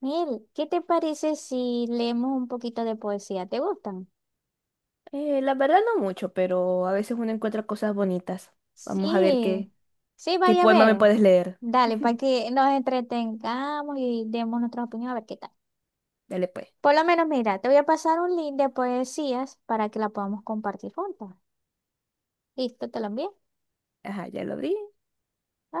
Mel, ¿qué te parece si leemos un poquito de poesía? ¿Te gustan? La verdad no mucho, pero a veces uno encuentra cosas bonitas. Vamos a ver Sí, sí, qué vaya a poema me ver. puedes leer. Dale, para que nos entretengamos y demos nuestra opinión a ver qué tal. Dale pues. Por lo menos, mira, te voy a pasar un link de poesías para que la podamos compartir juntas. ¿Listo? ¿Te lo envié? Ajá, ya lo abrí.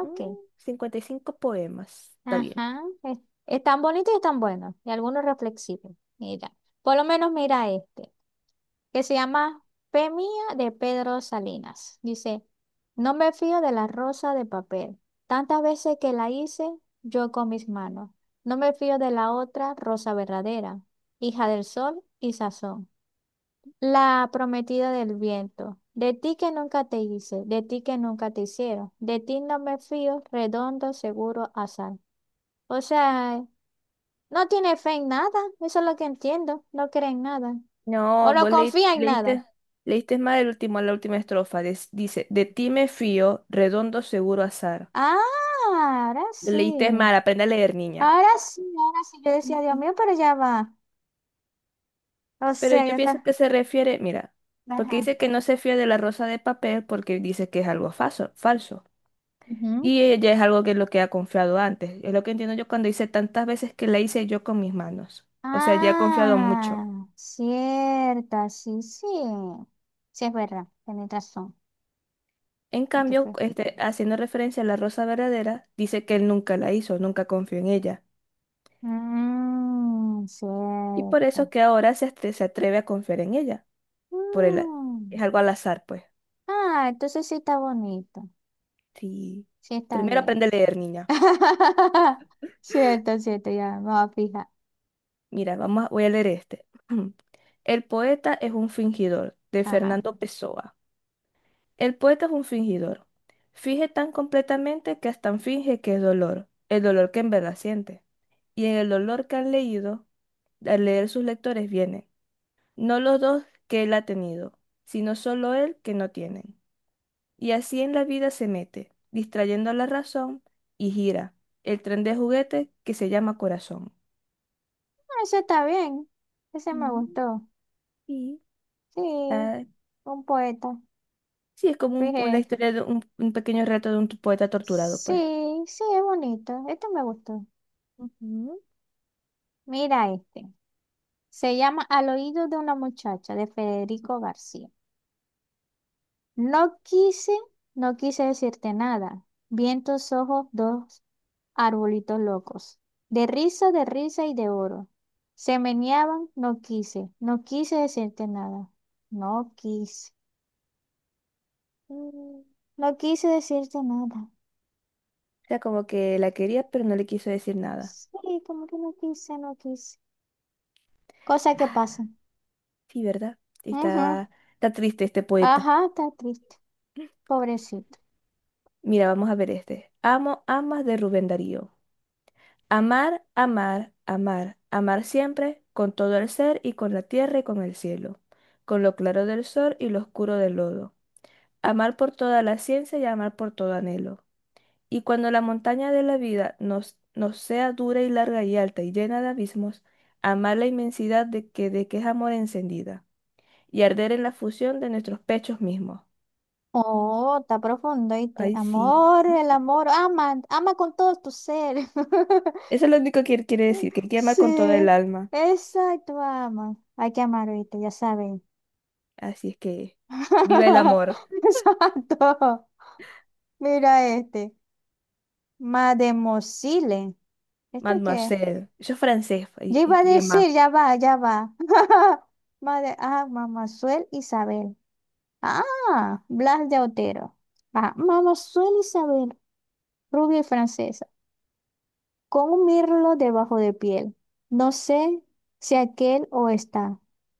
Mm, 55 poemas. Está bien. Ajá. Es tan bonito y es tan bueno. Y algunos reflexivos. Mira, por lo menos mira este, que se llama Fe Mía, de Pedro Salinas. Dice, no me fío de la rosa de papel, tantas veces que la hice yo con mis manos. No me fío de la otra rosa verdadera, hija del sol y sazón, la prometida del viento. De ti que nunca te hice, de ti que nunca te hicieron, de ti no me fío, redondo, seguro, azar. O sea, no tiene fe en nada, eso es lo que entiendo, no cree en nada, o No, no confía en nada. leíste, leíste más el último, la última estrofa. Dice, de ti me fío, redondo seguro azar. Ah, ahora sí. Leíste mal, aprende a leer, niña. Ahora sí, ahora sí. Yo decía, Dios Ujú. mío, pero ya va. O Pero sea, yo ya pienso está. que se refiere, mira, porque Ajá. dice que no se fía de la rosa de papel porque dice que es algo falso, falso. Ujú. Y ella es algo que es lo que ha confiado antes. Es lo que entiendo yo cuando dice tantas veces que la hice yo con mis manos. O sea, ya ha confiado mucho. Ah, cierta, sí, sí. Sí, es verdad, tenés razón. En Hay que cambio, fue. este, haciendo referencia a la rosa verdadera, dice que él nunca la hizo, nunca confió en ella. Mmm, Y por eso cierto. que ahora se atreve a confiar en ella. Por el, a- Mm. es algo al azar, pues. Ah, entonces sí está bonito. Sí. Sí está Primero bien. aprende a leer, niña. Cierto, cierto, ya me voy a fijar. Mira, voy a leer este. El poeta es un fingidor, de Ajá. Fernando Pessoa. El poeta es un fingidor. Finge tan completamente que hasta finge que es dolor, el dolor que en verdad siente. Y en el dolor que han leído, al leer sus lectores vienen, no los dos que él ha tenido, sino solo él que no tienen. Y así en la vida se mete, distrayendo la razón y gira el tren de juguete que se llama corazón. Ah, eso está bien. Ese me Mm, gustó. y Sí. ah, Un poeta. sí, es como una Dije, historia de un pequeño reto de un poeta torturado, sí, pues. sí, es bonito. Este me gustó. Ujú. Mira este. Se llama Al Oído de una Muchacha, de Federico García. No quise, no quise decirte nada. Vi en tus ojos dos arbolitos locos, de risa y de oro. Se meneaban, no quise, no quise decirte nada. No quise, Mm. no quise decirte nada. O sea, como que la quería, pero no le quiso decir nada. Sí, como que no quise, no quise. Cosa que Ah, pasa. sí, ¿verdad? Ujú. Está, está triste este poeta. Ajá, está triste, pobrecito. Mira, vamos a ver este. Amo, amas de Rubén Darío. Amar, amar, amar, amar siempre, con todo el ser y con la tierra y con el cielo, con lo claro del sol y lo oscuro del lodo. Amar por toda la ciencia y amar por todo anhelo. Y cuando la montaña de la vida nos sea dura y larga y alta y llena de abismos, amar la inmensidad de que es amor encendida, y arder en la fusión de nuestros pechos mismos. Oh, está profundo, ¿oíste? Ay, sí. Amor, el amor, ama, ama con todo tu ser. Eso es lo único que él quiere decir, que él quiere amar Sí, con todo el alma. exacto, ama. Hay que amar, ¿oíste? Ya saben. Así es que viva el amor, Exacto. Mira este. Mademosile. ¿Esto qué? mademoiselle. Yo es francés, Yo iba a este lema. decir, ya va, ya va. Madre, ah, Mamazuel Isabel. Ah, Blas de Otero. Ah, Mamazuel Isabel, rubia y francesa, con un mirlo debajo de piel. No sé si aquel o está.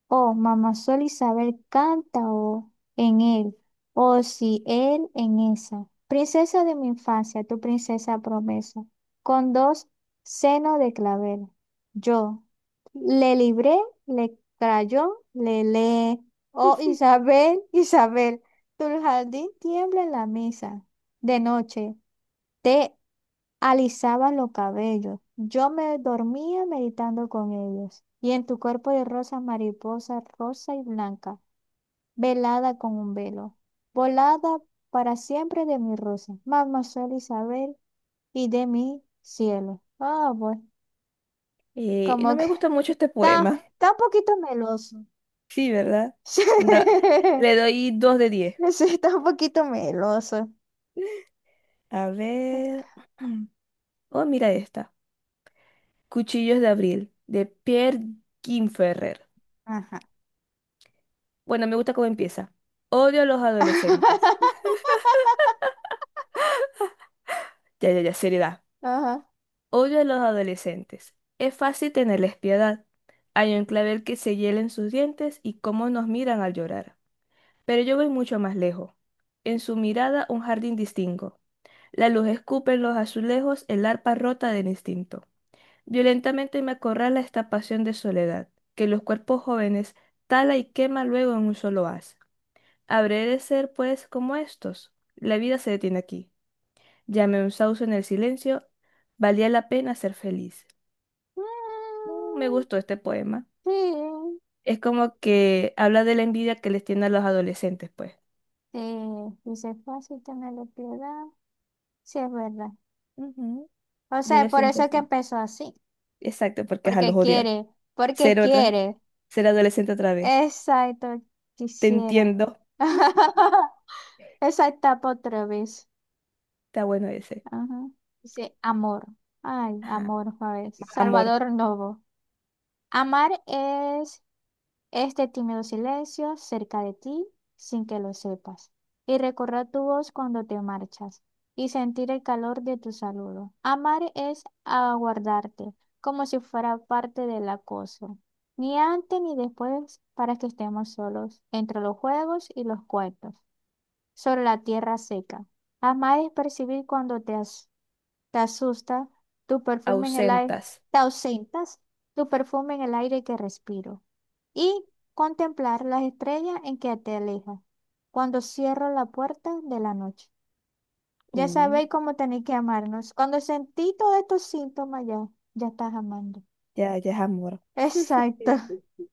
Oh, mamá Sol Isabel canta o en él, o si él en esa. Princesa de mi infancia, tu princesa promesa, con dos senos de clavel. Yo le libré, le crayó, le le. Oh, Isabel, Isabel, tu jardín tiembla en la mesa de noche. Te alisaba los cabellos. Yo me dormía meditando con ellos. Y en tu cuerpo de rosa, mariposa rosa y blanca, velada con un velo, volada para siempre de mi rosa, Mademoiselle Isabel y de mi cielo. Ah, bueno, No como que me gusta mucho este está, poema. está un poquito meloso. Sí, ¿verdad? No, le doy 2 de 10. Sí, sí, está un poquito meloso. A ver. Oh, mira esta. Cuchillos de abril, de Pierre Ferrer. Ajá. Bueno, me gusta cómo empieza. Odio a los adolescentes. Ya, ya, ya, seriedad. Ajá. Odio a los adolescentes. Es fácil tenerles piedad. Hay un clavel que se hielen sus dientes y cómo nos miran al llorar. Pero yo voy mucho más lejos. En su mirada un jardín distingo. La luz escupe en los azulejos el arpa rota del instinto. Violentamente me acorrala esta pasión de soledad, que los cuerpos jóvenes tala y quema luego en un solo haz. Habré de ser, pues, como estos. La vida se detiene aquí. Llamé un sauce en el silencio. Valía la pena ser feliz. Mm, me Mm, gustó este poema. sí. Es como que habla de la envidia que les tiene a los adolescentes, pues. Sí, dice, fácil tenerle piedad. Sí, es verdad. Ujú, O yo sea, lo por siento eso es que así. empezó así. Exacto, porque a los Porque odia. quiere, porque Ser otra, quiere. ser adolescente otra vez. Exacto, Te quisiera. entiendo. Exacta otra vez. Está bueno ese. Ajá. Dice, amor. Ay, Ajá. amor, a ver. Más amor. Salvador Novo. Amar es este tímido silencio cerca de ti sin que lo sepas. Y recorrer tu voz cuando te marchas y sentir el calor de tu saludo. Amar es aguardarte como si fuera parte del acoso. Ni antes ni después para que estemos solos entre los juegos y los cuentos. Sobre la tierra seca. Amar es percibir cuando te asusta tu perfume en el aire. Ausentas. Te ausentas, tu perfume en el aire que respiro, y contemplar las estrellas en que te alejas, cuando cierro la puerta de la noche. Ya Uh, sabéis cómo tenéis que amarnos. Cuando sentí todos estos síntomas, ya, ya estás amando. ya, ya es amor. Sí, Exacto. sí.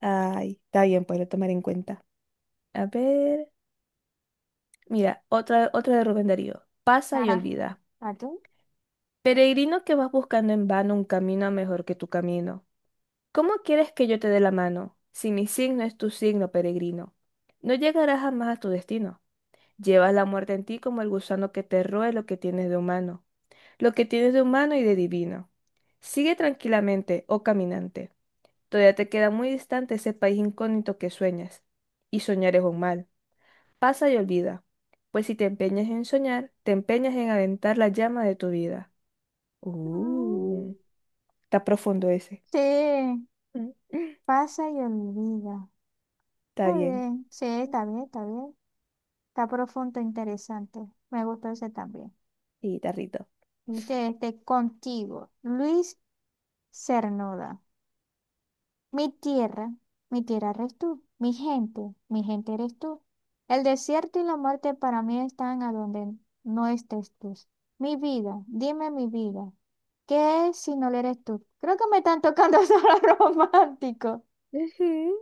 Ay, está bien, pues lo tomar en cuenta. A ver. Mira, otra de Rubén Darío. Pasa y Ajá. olvida. ¿A tú? Peregrino que vas buscando en vano un camino mejor que tu camino. ¿Cómo quieres que yo te dé la mano si mi signo es tu signo peregrino? No llegarás jamás a tu destino. Llevas la muerte en ti como el gusano que te roe lo que tienes de humano, lo que tienes de humano y de divino. Sigue tranquilamente, oh caminante. Todavía te queda muy distante ese país incógnito que sueñas. Y soñar es un mal. Pasa y olvida. Pues si te empeñas en soñar, te empeñas en aventar la llama de tu vida. Mm. Uh, está profundo ese. Sí, pasa y olvida. Está Está bien. bien, sí, está bien, está bien. Está profundo, interesante. Me gustó ese también. Sí, tarrito. Dice este, Contigo, Luis Cernuda. Mi tierra, mi tierra eres tú, mi gente eres tú. El desierto y la muerte para mí están a donde no estés tú. Mi vida, dime mi vida, ¿qué es si no lo eres tú? Creo que me están tocando solo romántico. Ujú.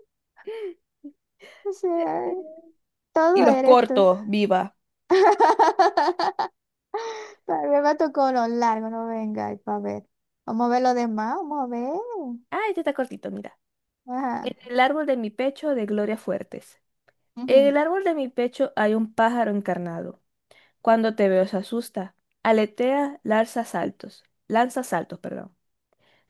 O sea, Y todo los eres tú. cortos, viva. También me tocó lo largo, no venga, ahí para ver. Vamos a ver lo demás, vamos a ver. Ah, este está cortito, mira. Ajá. En el árbol de mi pecho de Gloria Fuertes. En Ujú. el árbol de mi pecho hay un pájaro encarnado. Cuando te veo se asusta. Aletea, lanza saltos. Lanza saltos, perdón.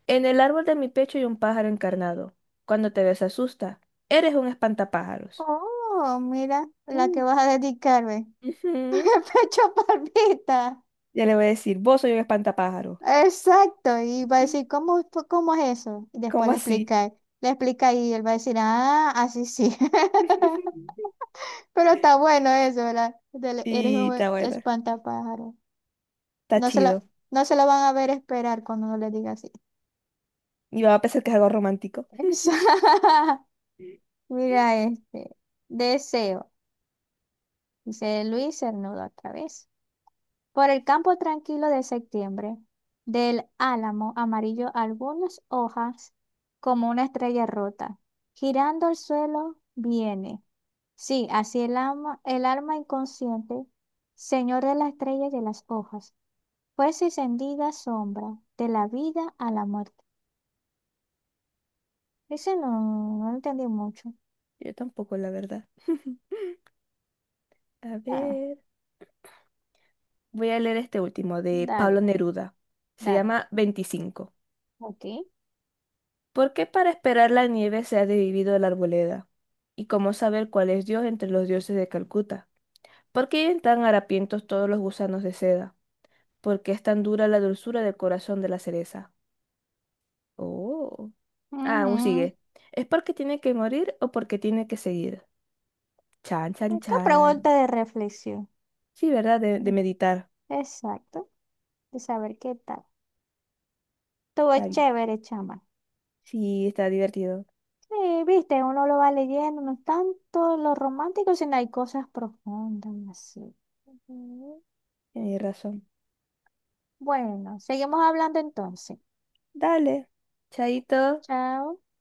En el árbol de mi pecho hay un pájaro encarnado. Cuando te veo se asusta. Eres un espantapájaros. Oh, mira la que Uh. vas a dedicarme. Ujú. Pecho palpita. Ya le voy a decir, vos soy un espantapájaro. Exacto. Y va a decir, ¿cómo es eso? Y después ¿Cómo le así? explica. Le explica y él va a decir, ah, así sí. Pero está bueno eso, ¿verdad? Eres Y está un bueno. espantapájaro. Está No se lo, chido. no se lo van a ver esperar cuando uno le diga así. Y va a pensar que es algo romántico. Mira este. Deseo. Dice Luis Cernuda otra vez. Por el campo tranquilo de septiembre, del álamo amarillo algunas hojas como una estrella rota, girando al suelo viene. Sí, así el alma inconsciente, señor de la estrella y de las hojas, pues encendida sombra de la vida a la muerte. Ese no, no lo entendí mucho. Yo tampoco, la verdad. A Ah, ver, voy a leer este último de dale, Pablo Neruda. Se dale. llama 25. Ok. ¿Por qué para esperar la nieve se ha dividido la arboleda? ¿Y cómo saber cuál es Dios entre los dioses de Calcuta? ¿Por qué viven tan harapientos todos los gusanos de seda? ¿Por qué es tan dura la dulzura del corazón de la cereza? Oh. Ah, aún Ujú. sigue. ¿Es porque tiene que morir o porque tiene que seguir? Chan, chan, Qué chan. pregunta de reflexión. Sí, ¿verdad? De De- meditar. Exacto. De saber qué tal. Estuvo Está bien. chévere, chama. Sí, está divertido. Sí, viste, uno lo va leyendo, no es tanto lo romántico, sino hay cosas profundas y así. Ujú. Tienes razón. Bueno, seguimos hablando entonces. Dale. Chaito. Chao.